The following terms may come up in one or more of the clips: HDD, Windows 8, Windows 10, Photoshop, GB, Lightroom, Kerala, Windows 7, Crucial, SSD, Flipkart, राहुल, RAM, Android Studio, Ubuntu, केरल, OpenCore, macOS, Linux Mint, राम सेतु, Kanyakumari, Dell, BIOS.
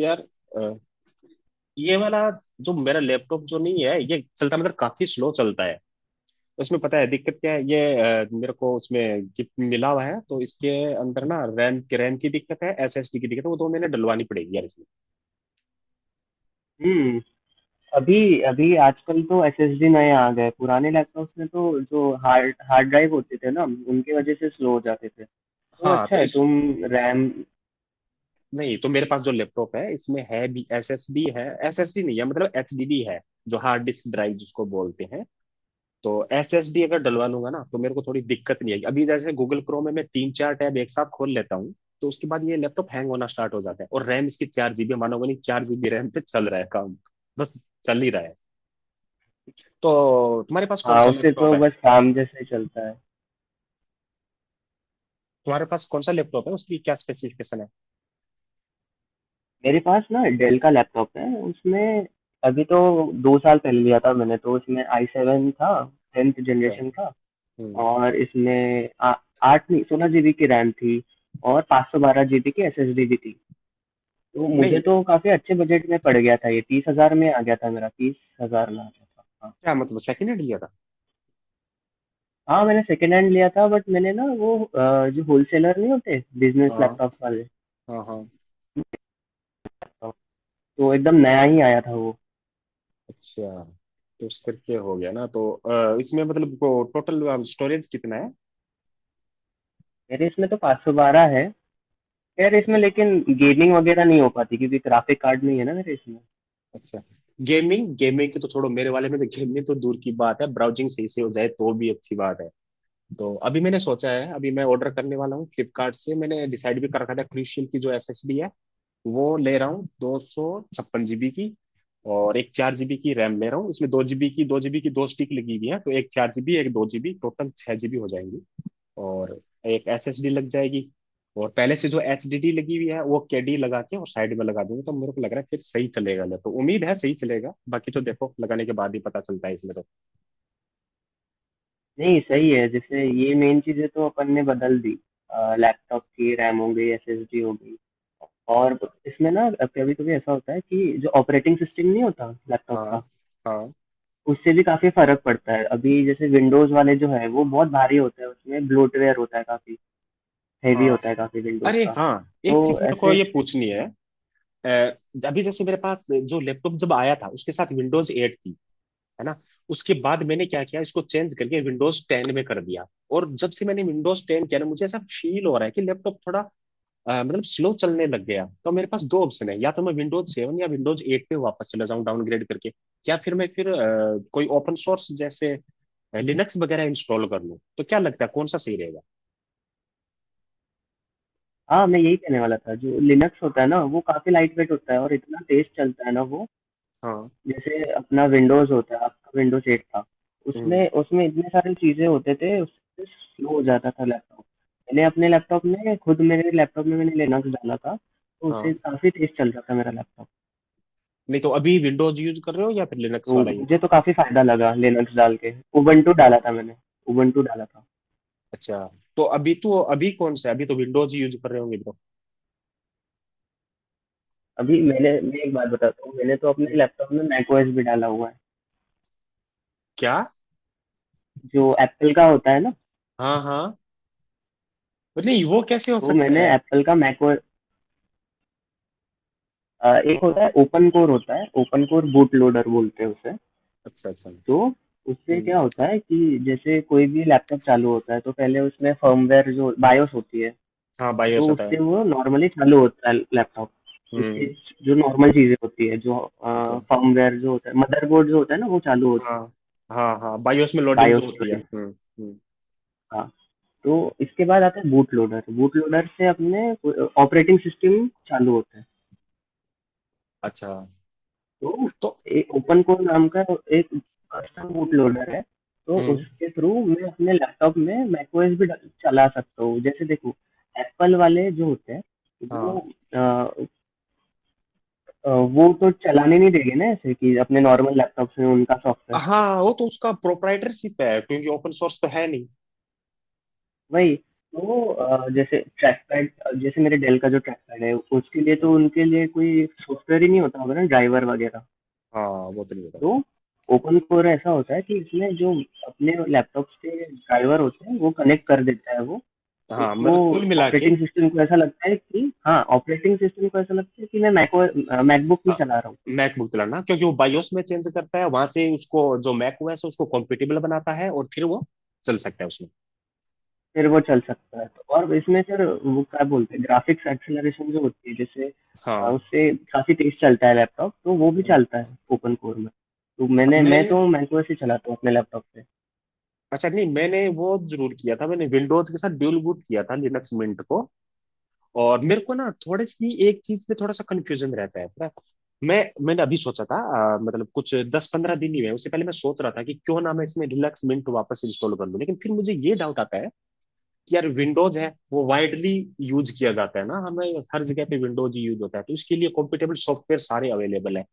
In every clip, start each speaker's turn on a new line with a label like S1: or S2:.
S1: यार, अ, ये वाला जो मेरा लैपटॉप जो नहीं है ये चलता मतलब काफी स्लो चलता है। उसमें पता है दिक्कत क्या है? ये मेरे को उसमें गिफ्ट मिला हुआ है तो इसके अंदर ना रैम की दिक्कत है, एसएसडी की दिक्कत है। वो तो मैंने डलवानी पड़ेगी यार इसमें।
S2: हुँ, अभी अभी आजकल तो एसएसडी नए आ गए, पुराने लैपटॉप्स में तो जो हार्ड हार्ड ड्राइव होते थे ना, उनकी वजह से स्लो हो जाते थे। तो
S1: हाँ
S2: अच्छा
S1: तो
S2: है
S1: इस।
S2: तुम। रैम।
S1: नहीं तो मेरे पास जो लैपटॉप है इसमें है भी एसएसडी नहीं है मतलब एचडीडी है, जो हार्ड डिस्क ड्राइव जिसको बोलते हैं। तो एसएसडी अगर डलवा लूंगा ना तो मेरे को थोड़ी दिक्कत नहीं आएगी। अभी जैसे गूगल क्रोम में मैं तीन चार टैब एक साथ खोल लेता हूँ तो उसके बाद ये लैपटॉप हैंग होना स्टार्ट हो जाता है। और रैम इसकी 4 जीबी, मानोगे नहीं, 4 जीबी रैम पे चल रहा है काम। बस चल ही रहा है। तो
S2: हाँ, उससे तो बस काम जैसे चलता है।
S1: तुम्हारे पास कौन सा लैपटॉप है, उसकी क्या स्पेसिफिकेशन है?
S2: मेरे पास ना डेल का लैपटॉप है, उसमें अभी तो 2 साल पहले लिया था मैंने तो उसमें आई सेवन था, 10th
S1: अच्छा।
S2: जनरेशन का।
S1: हम्म।
S2: और इसमें 8 नहीं 16 जीबी की रैम थी और 512 जीबी की एसएसडी भी थी। तो मुझे
S1: नहीं,
S2: तो काफ़ी अच्छे बजट में पड़ गया था ये, 30,000 में आ गया था मेरा, 30,000 में आ गया था। हाँ,
S1: क्या मतलब सेकेंड हैंड लिया था?
S2: हाँ मैंने सेकंड हैंड लिया था, बट मैंने ना वो जो होलसेलर नहीं होते बिजनेस
S1: हाँ,
S2: लैपटॉप वाले
S1: हाँ, हाँ।
S2: लैपटॉप, तो एकदम नया ही आया था वो।
S1: अच्छा, तो उस करके हो गया ना। तो इसमें मतलब टोटल स्टोरेज कितना है?
S2: मेरे इसमें तो 512 है, खैर इसमें लेकिन गेमिंग वगैरह नहीं हो पाती क्योंकि ग्राफिक कार्ड नहीं है ना मेरे इसमें।
S1: अच्छा। गेमिंग, गेमिंग की तो छोड़ो, मेरे वाले में तो गेमिंग तो दूर की बात है, ब्राउजिंग सही से हो जाए तो भी अच्छी बात है। तो अभी मैंने सोचा है, अभी मैं ऑर्डर करने वाला हूँ फ्लिपकार्ट से। मैंने डिसाइड भी कर रखा था, क्रूशियल की जो एसएसडी है वो ले रहा हूँ, 256 जीबी की। और एक 4 जीबी की रैम ले रहा हूँ। इसमें दो जीबी की दो स्टिक लगी हुई है, तो एक 4 जीबी एक 2 जीबी टोटल 6 जीबी हो जाएंगी। और एक एसएसडी लग जाएगी। और पहले से जो एचडीडी लगी हुई है वो केडी लगा के और साइड में लगा दूंगा। तो मेरे को लग रहा है फिर सही चलेगा। ले तो उम्मीद है सही चलेगा, बाकी तो देखो लगाने के बाद ही पता चलता है इसमें तो।
S2: नहीं सही है, जैसे ये मेन चीज़ें तो अपन ने बदल दी। लैपटॉप की रैम हो गई, एसएसडी हो गई। और इसमें ना कभी कभी ऐसा होता है कि जो ऑपरेटिंग सिस्टम नहीं होता लैपटॉप
S1: हाँ,
S2: का,
S1: हाँ,
S2: उससे भी काफ़ी फ़र्क पड़ता है। अभी जैसे विंडोज़ वाले जो है वो बहुत भारी होता है, उसमें ब्लोटवेयर होता है काफ़ी। हैवी
S1: हाँ।
S2: होता है काफ़ी विंडोज़
S1: अरे
S2: का
S1: हाँ,
S2: तो
S1: एक चीज मेरे को
S2: ऐसे।
S1: ये पूछनी है। अ, अभी जैसे मेरे पास जो लैपटॉप जब आया था उसके साथ विंडोज 8 थी, है ना? उसके बाद मैंने क्या किया, इसको चेंज करके विंडोज 10 में कर दिया। और जब से मैंने विंडोज 10 किया ना, मुझे ऐसा फील हो रहा है कि लैपटॉप थोड़ा मतलब स्लो चलने लग गया। तो मेरे पास दो ऑप्शन है, या तो मैं विंडोज सेवन या विंडोज एट पे वापस चला जाऊं डाउनग्रेड करके, या फिर मैं कोई ओपन सोर्स जैसे लिनक्स वगैरह इंस्टॉल कर लूं। तो क्या लगता है, कौन सा सही रहेगा?
S2: हाँ मैं यही कहने वाला था, जो लिनक्स होता है ना वो काफ़ी लाइट वेट होता है और इतना तेज़ चलता है ना वो।
S1: हाँ।
S2: जैसे अपना विंडोज़ होता है, आपका विंडोज़ एट था,
S1: हम्म।
S2: उसमें उसमें इतने सारी चीज़ें होते थे, उससे स्लो हो जाता था लैपटॉप। मैंने अपने लैपटॉप में खुद मेरे लैपटॉप में मैंने लिनक्स डाला था, तो
S1: हाँ।
S2: उससे काफ़ी तेज़ चल रहा था मेरा लैपटॉप।
S1: नहीं तो अभी विंडोज यूज कर रहे हो या फिर लिनक्स
S2: तो
S1: वाला ये?
S2: मुझे तो काफ़ी फ़ायदा लगा लिनक्स डाल के। उबंटू डाला था मैंने उबंटू डाला था
S1: अच्छा, तो अभी कौन सा है, अभी तो विंडोज यूज कर रहे होंगे ब्रो।
S2: अभी मैं एक बात बताता हूँ, मैंने तो अपने
S1: हम्म,
S2: लैपटॉप में मैकओएस भी डाला हुआ है,
S1: क्या?
S2: जो एप्पल का होता है ना।
S1: हाँ, हाँ। नहीं, वो कैसे हो
S2: तो
S1: सकता
S2: मैंने
S1: है?
S2: एप्पल का मैकओएस, एक होता है ओपन कोर, होता है ओपन कोर बूट लोडर बोलते हैं उसे।
S1: अच्छा, अच्छा।
S2: तो उससे
S1: हम्म।
S2: क्या होता है कि जैसे कोई भी लैपटॉप चालू होता है तो पहले उसमें फर्मवेयर जो बायोस होती है,
S1: हाँ, बायोस
S2: तो
S1: होता है।
S2: उससे वो नॉर्मली चालू होता है लैपटॉप। उसके
S1: हम्म।
S2: जो नॉर्मल चीज़ें होती है, जो
S1: अच्छा।
S2: फर्मवेयर जो होता है, मदरबोर्ड जो होता है ना वो चालू होता
S1: हाँ। हाँ, हाँ, बायोस में
S2: है
S1: लोडिंग जो
S2: बायोस
S1: होती है।
S2: वगैरह।
S1: हम्म, हम्म।
S2: हाँ। तो इसके बाद आता है बूट लोडर। बूट लोडर से अपने ऑपरेटिंग सिस्टम चालू होता है।
S1: अच्छा।
S2: तो
S1: तो।
S2: एक ओपन कोर नाम का एक कस्टम बूट लोडर है। तो
S1: हम्म।
S2: उसके थ्रू मैं अपने लैपटॉप में मैकओएस भी चला सकता हूँ। जैसे देखो एप्पल वाले जो होते हैं वो
S1: हाँ,
S2: अ, अ, वो तो चलाने नहीं देंगे ना, ऐसे कि अपने नॉर्मल लैपटॉप में उनका सॉफ्टवेयर।
S1: हाँ, वो तो उसका प्रोप्राइटरशिप है क्योंकि ओपन सोर्स तो है नहीं।
S2: वही तो जैसे ट्रैक पैड, जैसे मेरे डेल का जो ट्रैक पैड है, उसके लिए तो उनके लिए कोई सॉफ्टवेयर ही नहीं होता होगा ना, ड्राइवर वगैरह।
S1: हाँ, वो तो नहीं
S2: तो
S1: होता।
S2: ओपन कोर ऐसा होता है कि इसमें जो अपने लैपटॉप्स के ड्राइवर होते हैं वो कनेक्ट कर देता है वो।
S1: हाँ,
S2: तो
S1: मतलब कुल मिला के
S2: ऑपरेटिंग सिस्टम को ऐसा लगता है कि हाँ, ऑपरेटिंग सिस्टम को ऐसा लगता है कि मैं मैको मैकबुक में चला रहा हूँ।
S1: मैकबुक दिलाना, क्योंकि वो बायोस में चेंज करता है, वहां से उसको जो मैक ओएस है उसको कॉम्पिटेबल बनाता है और फिर वो चल सकता है उसमें।
S2: फिर वो चल सकता है। तो और इसमें सर वो क्या बोलते हैं ग्राफिक्स एक्सेलरेशन जो होती है, जैसे
S1: हाँ।
S2: उससे काफ़ी तेज चलता है लैपटॉप, तो वो भी
S1: हम्म।
S2: चलता है ओपन कोर में। तो मैं
S1: मैंने
S2: तो मैको से चलाता हूँ अपने लैपटॉप पे।
S1: अच्छा, नहीं मैंने वो जरूर किया था, मैंने विंडोज के साथ ड्यूल बूट किया था लिनक्स मिंट को। और मेरे को ना थोड़ी सी एक चीज पे थोड़ा सा कंफ्यूजन रहता है, पता है? मैंने अभी सोचा था, मतलब कुछ 10-15 दिन ही हुए। उससे पहले मैं सोच रहा था कि क्यों ना मैं इसमें रिलैक्स मिंट वापस इंस्टॉल कर लूं। लेकिन फिर मुझे ये डाउट आता है कि यार विंडोज है वो वाइडली यूज किया जाता है ना, हमें हर जगह पे विंडोज ही यूज होता है, तो इसके लिए कॉम्पिटेबल सॉफ्टवेयर सारे अवेलेबल है।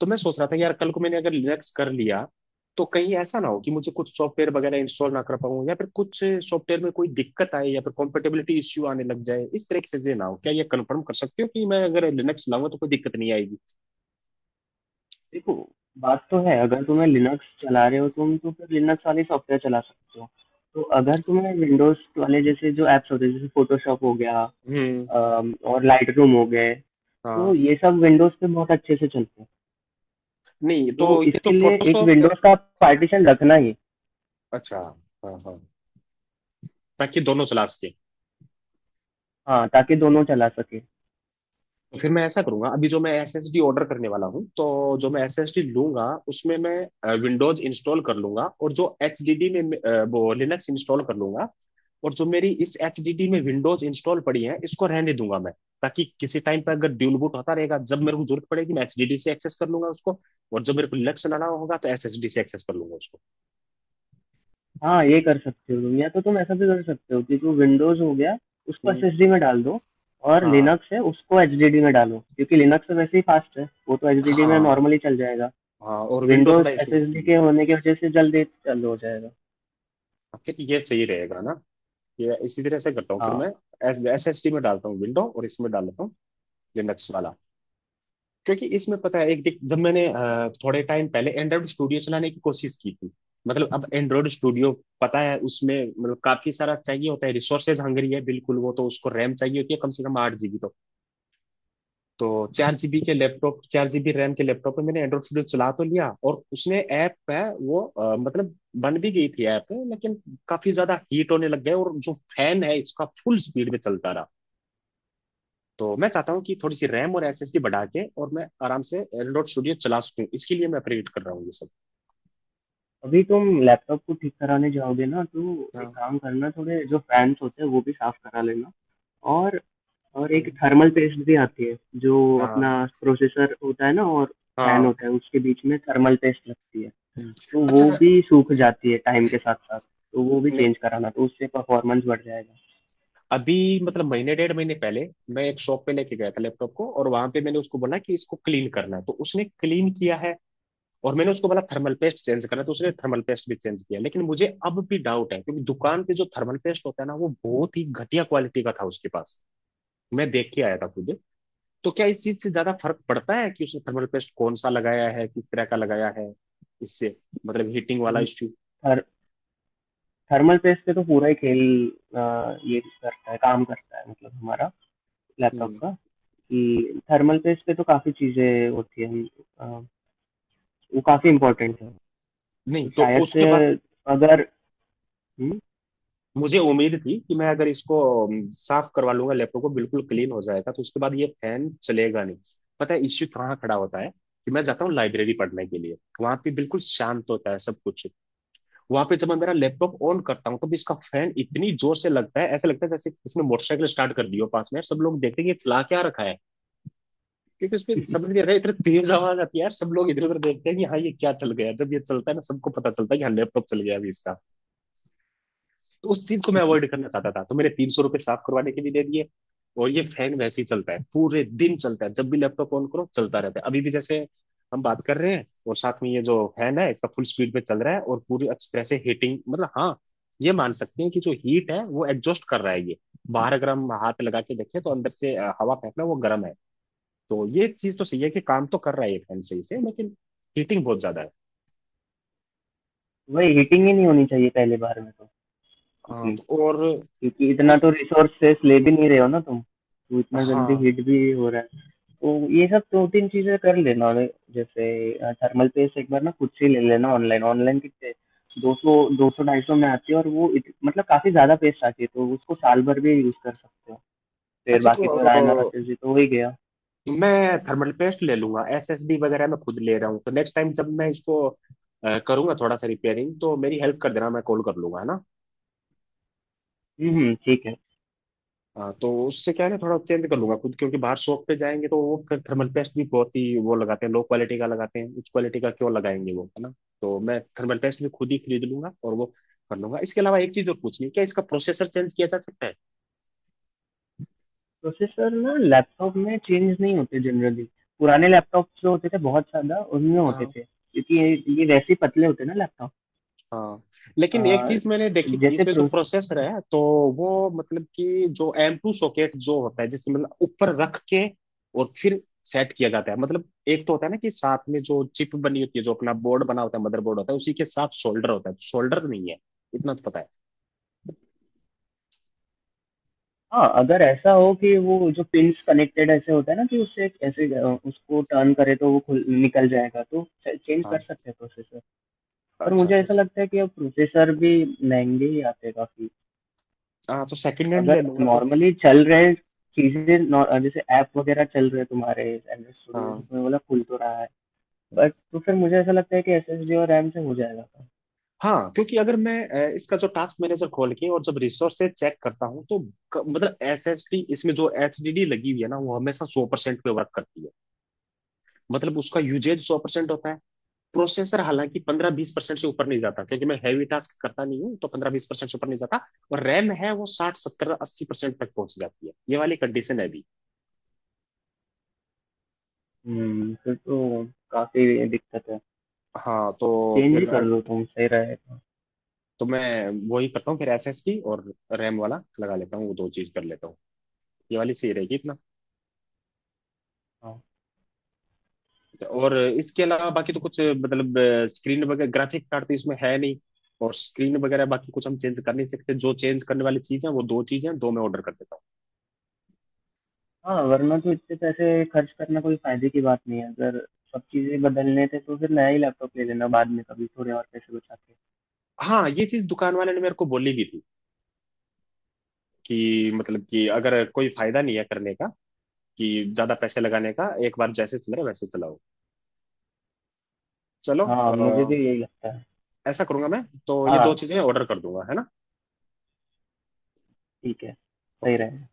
S1: तो मैं सोच रहा था कि यार कल को मैंने अगर लिनक्स कर लिया तो कहीं ऐसा ना हो कि मुझे कुछ सॉफ्टवेयर वगैरह इंस्टॉल ना कर पाऊँ, या फिर कुछ सॉफ्टवेयर में कोई दिक्कत आए, या फिर कॉम्पेटेबिलिटी इश्यू आने लग जाए, इस तरह की चीजें ना हो। क्या ये कंफर्म कर सकते हो कि मैं अगर लिनक्स लाऊंगा तो कोई दिक्कत नहीं आएगी?
S2: देखो, बात तो है, अगर तुम्हें लिनक्स चला रहे हो तुम तो फिर लिनक्स वाले सॉफ्टवेयर चला सकते हो। तो अगर तुम्हें विंडोज वाले जैसे जो एप्स होते हैं, जैसे फोटोशॉप हो गया,
S1: हम्म।
S2: और लाइट रूम हो गए, तो
S1: हाँ।
S2: ये सब विंडोज पे बहुत अच्छे से चलते हैं।
S1: नहीं तो
S2: तो
S1: ये तो
S2: इसके लिए एक
S1: फोटोशॉप है।
S2: विंडोज का पार्टीशन रखना ही।
S1: अच्छा। हाँ, हाँ, ताकि दोनों चला सके।
S2: हाँ, ताकि दोनों चला सके।
S1: तो फिर मैं ऐसा करूंगा, अभी जो मैं एसएसडी ऑर्डर करने वाला हूँ तो जो मैं एसएसडी लूंगा उसमें मैं विंडोज इंस्टॉल कर लूंगा, और जो एचडीडी में मैं, वो लिनक्स इंस्टॉल कर लूंगा। और जो मेरी इस एच डी डी में विंडोज इंस्टॉल पड़ी है इसको रहने दूंगा मैं, ताकि किसी टाइम पर अगर ड्यूल बूट होता रहेगा, जब मेरे को जरूरत पड़ेगी मैं एचडीडी से एक्सेस कर लूंगा उसको, और जब मेरे को लिनक्स चलाना होगा तो एसएसडी से एक्सेस कर लूंगा उसको।
S2: हाँ ये कर सकते हो तुम, या तो तुम ऐसा भी कर सकते हो कि जो विंडोज हो गया उसको
S1: हम्म।
S2: एसएसडी में डाल दो, और
S1: हाँ,
S2: लिनक्स है उसको एचडीडी में डालो, क्योंकि लिनक्स तो वैसे ही फास्ट है, वो तो एचडीडी में
S1: हाँ,
S2: नॉर्मली चल जाएगा।
S1: हाँ। और विंडो थोड़ा
S2: विंडोज़
S1: इशू।
S2: एसएसडी के होने की वजह से जल्दी चालू हो जाएगा।
S1: फिर ये सही रहेगा ना, ये इसी तरह से करता हूँ फिर मैं,
S2: हाँ,
S1: एस एस डी में डालता हूँ विंडो और इसमें डालता हूँ लिनक्स वाला। क्योंकि इसमें पता है एक जब मैंने थोड़े टाइम पहले एंड्रॉइड स्टूडियो चलाने की कोशिश की थी, मतलब अब एंड्रॉइड स्टूडियो, पता है उसमें मतलब काफी सारा चाहिए होता है, रिसोर्सेज हंग्री है बिल्कुल वो तो, उसको रैम चाहिए होती है कम से कम 8 जीबी। तो 4 जीबी के लैपटॉप, 4 जीबी रैम के लैपटॉप में मैंने एंड्रॉइड स्टूडियो चला तो लिया और उसने ऐप है वो मतलब बन भी गई थी ऐप, लेकिन काफी ज्यादा हीट होने लग गए और जो फैन है इसका फुल स्पीड में चलता रहा। तो मैं चाहता हूँ कि थोड़ी सी रैम और एसएसडी बढ़ा के और मैं आराम से एंड्रॉइड स्टूडियो चला सकूँ, इसके लिए मैं अपग्रेड कर रहा हूँ ये सब।
S2: अभी तुम लैपटॉप को ठीक कराने जाओगे ना, तो एक
S1: हाँ।
S2: काम करना, थोड़े जो फैन्स होते हैं वो भी साफ़ करा लेना। और और एक
S1: हम्म।
S2: थर्मल पेस्ट भी आती है, जो
S1: हाँ,
S2: अपना प्रोसेसर होता है ना और फैन
S1: हाँ।
S2: होता है, उसके बीच में थर्मल पेस्ट लगती है।
S1: हम्म।
S2: तो
S1: अच्छा।
S2: वो भी सूख जाती है टाइम के साथ साथ, तो वो भी
S1: नहीं,
S2: चेंज कराना, तो उससे परफॉर्मेंस बढ़ जाएगा।
S1: अभी मतलब महीने डेढ़ महीने पहले मैं एक शॉप पे लेके गया था लैपटॉप को, और वहां पे मैंने उसको बोला कि इसको क्लीन करना है तो उसने क्लीन किया है। और मैंने उसको बोला थर्मल पेस्ट चेंज करना है तो उसने थर्मल पेस्ट भी चेंज किया, लेकिन मुझे अब भी डाउट है क्योंकि दुकान पे जो थर्मल पेस्ट होता है ना वो बहुत ही घटिया क्वालिटी का था उसके पास। मैं देख के आया था खुद। तो क्या इस चीज से ज्यादा फर्क पड़ता है कि उसने थर्मल पेस्ट कौन सा लगाया है, किस तरह का लगाया है, इससे मतलब हीटिंग वाला
S2: हम्म,
S1: इश्यू?
S2: थर थर्मल पेस्ट से तो पूरा ही खेल ये करता है, काम करता है मतलब हमारा लैपटॉप
S1: हम्म।
S2: का, कि थर्मल पेस्ट पे तो काफ़ी चीज़ें होती हैं, अ, वो काफ़ी इम्पोर्टेंट है।
S1: नहीं
S2: तो
S1: तो
S2: शायद
S1: उसके
S2: से
S1: बाद
S2: अगर हम्म,
S1: मुझे उम्मीद थी कि मैं अगर इसको साफ करवा लूंगा लैपटॉप को, बिल्कुल क्लीन हो जाएगा, तो उसके बाद ये फैन चलेगा नहीं। पता है इश्यू कहाँ खड़ा होता है, कि मैं जाता हूँ लाइब्रेरी पढ़ने के लिए, वहां पे बिल्कुल शांत होता है सब कुछ। वहां पे जब मैं मेरा लैपटॉप ऑन करता हूँ तब इसका फैन इतनी जोर से लगता है, ऐसा लगता है जैसे किसी ने मोटरसाइकिल स्टार्ट कर दी हो पास में, सब लोग देखते हैं कि ये चला क्या रखा है। क्योंकि उसमें समझ नहीं आ रहा है, इतना तेज आवाज आती है यार, सब लोग इधर उधर देखते हैं कि हाँ ये क्या चल गया। जब ये चलता है ना सबको पता चलता है कि हाँ लैपटॉप चल गया अभी इसका। तो उस चीज को मैं अवॉइड करना चाहता था, तो मैंने 300 रुपये साफ करवाने के भी दे दिए। और ये फैन वैसे ही चलता है, पूरे दिन चलता है, जब भी लैपटॉप ऑन करो चलता रहता है, अभी भी जैसे हम बात कर रहे हैं और साथ में ये जो फैन है इसका फुल स्पीड पे चल रहा है। और पूरी अच्छी तरह से हीटिंग, मतलब हाँ, ये मान सकते हैं कि जो हीट है वो एग्जॉस्ट कर रहा है ये बाहर। अगर हम हाथ लगा के देखें तो अंदर से हवा फेंकना वो गर्म है। तो ये चीज तो सही है कि काम तो कर रहा है ये फैन सही से, लेकिन हीटिंग बहुत ज्यादा है।
S2: वही हीटिंग ही नहीं होनी चाहिए पहले बार में तो
S1: हाँ,
S2: उतनी,
S1: तो और
S2: क्योंकि इतना
S1: उस।
S2: तो रिसोर्सेस ले भी नहीं रहे हो ना तुम, तो इतना जल्दी
S1: हाँ।
S2: हीट भी हो रहा है। तो ये सब दो तीन चीज़ें कर लेना, और जैसे थर्मल पेस्ट एक बार ना खुद से ही ले लेना ऑनलाइन। ऑनलाइन कितने, दो सौ, दो सौ ढाई सौ में आती है, और वो मतलब काफ़ी ज़्यादा पेस्ट आती है, तो उसको साल भर भी यूज़ कर सकते हो। फिर
S1: अच्छा, तो
S2: बाकी तो रायना और आशीष
S1: अ,
S2: जी तो हो ही गया।
S1: मैं थर्मल पेस्ट ले लूंगा, एसएसडी वगैरह मैं खुद ले रहा हूँ, तो नेक्स्ट टाइम जब मैं इसको करूंगा थोड़ा सा रिपेयरिंग, तो मेरी हेल्प कर देना, मैं कॉल कर लूंगा, है ना?
S2: ठीक है।
S1: हाँ, तो उससे क्या है ना, थोड़ा चेंज कर लूंगा खुद, क्योंकि बाहर शॉप पे जाएंगे तो वो थर्मल पेस्ट भी बहुत ही वो लगाते हैं, लो क्वालिटी का लगाते हैं, उच्च क्वालिटी का क्यों लगाएंगे वो, है ना? तो मैं थर्मल पेस्ट भी खुद ही खरीद लूंगा और वो कर लूंगा। इसके अलावा एक चीज और पूछनी है, क्या इसका प्रोसेसर चेंज किया जा सकता
S2: प्रोसेसर ना लैपटॉप में चेंज नहीं होते जनरली। पुराने लैपटॉप जो होते थे बहुत ज़्यादा उनमें होते
S1: है?
S2: थे, क्योंकि ये वैसे ही पतले होते हैं ना लैपटॉप।
S1: हाँ, लेकिन एक चीज मैंने देखी थी,
S2: जैसे
S1: इसमें जो
S2: प्रोस।
S1: प्रोसेसर है, तो वो मतलब कि जो एम टू सॉकेट जो होता है, जिसे मतलब ऊपर रख के और फिर सेट किया जाता है, मतलब एक तो होता है ना कि साथ में जो चिप बनी होती है, जो अपना बोर्ड बना होता है, मदरबोर्ड होता है उसी के साथ शोल्डर होता है, शोल्डर नहीं है, इतना तो पता है।
S2: हाँ अगर ऐसा हो कि वो जो पिन्स कनेक्टेड ऐसे होता है ना कि उससे एक ऐसे उसको टर्न करे तो वो खुल निकल जाएगा, तो चेंज कर
S1: हाँ।
S2: सकते हैं प्रोसेसर। पर
S1: अच्छा।
S2: मुझे
S1: तो
S2: ऐसा लगता है कि अब प्रोसेसर भी महंगे ही आते हैं काफ़ी।
S1: हाँ, तो सेकंड हैंड ले
S2: अगर
S1: लूंगा तो।
S2: नॉर्मली चल रहे चीजें जैसे ऐप वगैरह चल रहे तुम्हारे, एंड्रॉइड स्टूडियो जैसे
S1: हाँ,
S2: तुमने बोला खुल तो रहा है, बट तो फिर मुझे ऐसा लगता है कि एसएसडी और रैम से हो जाएगा काम।
S1: हाँ। क्योंकि अगर मैं इसका जो टास्क मैनेजर खोल के और जब रिसोर्सेज चेक करता हूँ तो मतलब एस एस डी, इसमें जो एच डी डी लगी हुई है ना वो हमेशा 100% पे वर्क करती है, मतलब उसका यूजेज 100% होता है। प्रोसेसर हालांकि 15-20% से ऊपर नहीं जाता, क्योंकि मैं हैवी टास्क करता नहीं हूँ, तो 15-20% से ऊपर नहीं जाता। और रैम है वो साठ सत्तर अस्सी परसेंट तक पहुंच जाती है, ये वाली कंडीशन है अभी।
S2: हम्म, फिर तो काफी दिक्कत है।
S1: हाँ, तो
S2: चेंज ही
S1: फिर
S2: कर लो तुम, सही रहेगा।
S1: तो मैं वही करता हूँ, फिर एसएसडी और रैम वाला लगा लेता हूँ, वो दो चीज कर लेता हूँ, ये वाली सही रहेगी इतना।
S2: हाँ।
S1: और इसके अलावा बाकी तो कुछ मतलब स्क्रीन वगैरह, ग्राफिक कार्ड तो इसमें है नहीं, और स्क्रीन वगैरह बाकी कुछ हम चेंज कर नहीं सकते, जो चेंज करने वाली चीज है वो दो चीजें हैं, दो मैं ऑर्डर कर देता हूँ।
S2: हाँ वरना तो इतने पैसे खर्च करना कोई फायदे की बात नहीं है, अगर सब चीजें बदलने थे तो फिर नया ही लैपटॉप ले लेना बाद में कभी थोड़े और पैसे बचा के।
S1: हाँ, ये चीज दुकान वाले ने मेरे को बोली भी थी, कि मतलब कि अगर कोई फायदा नहीं है करने का, कि ज्यादा पैसे लगाने का, एक बार जैसे चल रहा है वैसे चलाओ। चलो,
S2: हाँ मुझे भी यही लगता है।
S1: ऐसा करूंगा मैं, तो ये दो
S2: हाँ
S1: चीजें ऑर्डर कर दूंगा, है ना?
S2: ठीक है, सही
S1: ओके।
S2: रहेगा।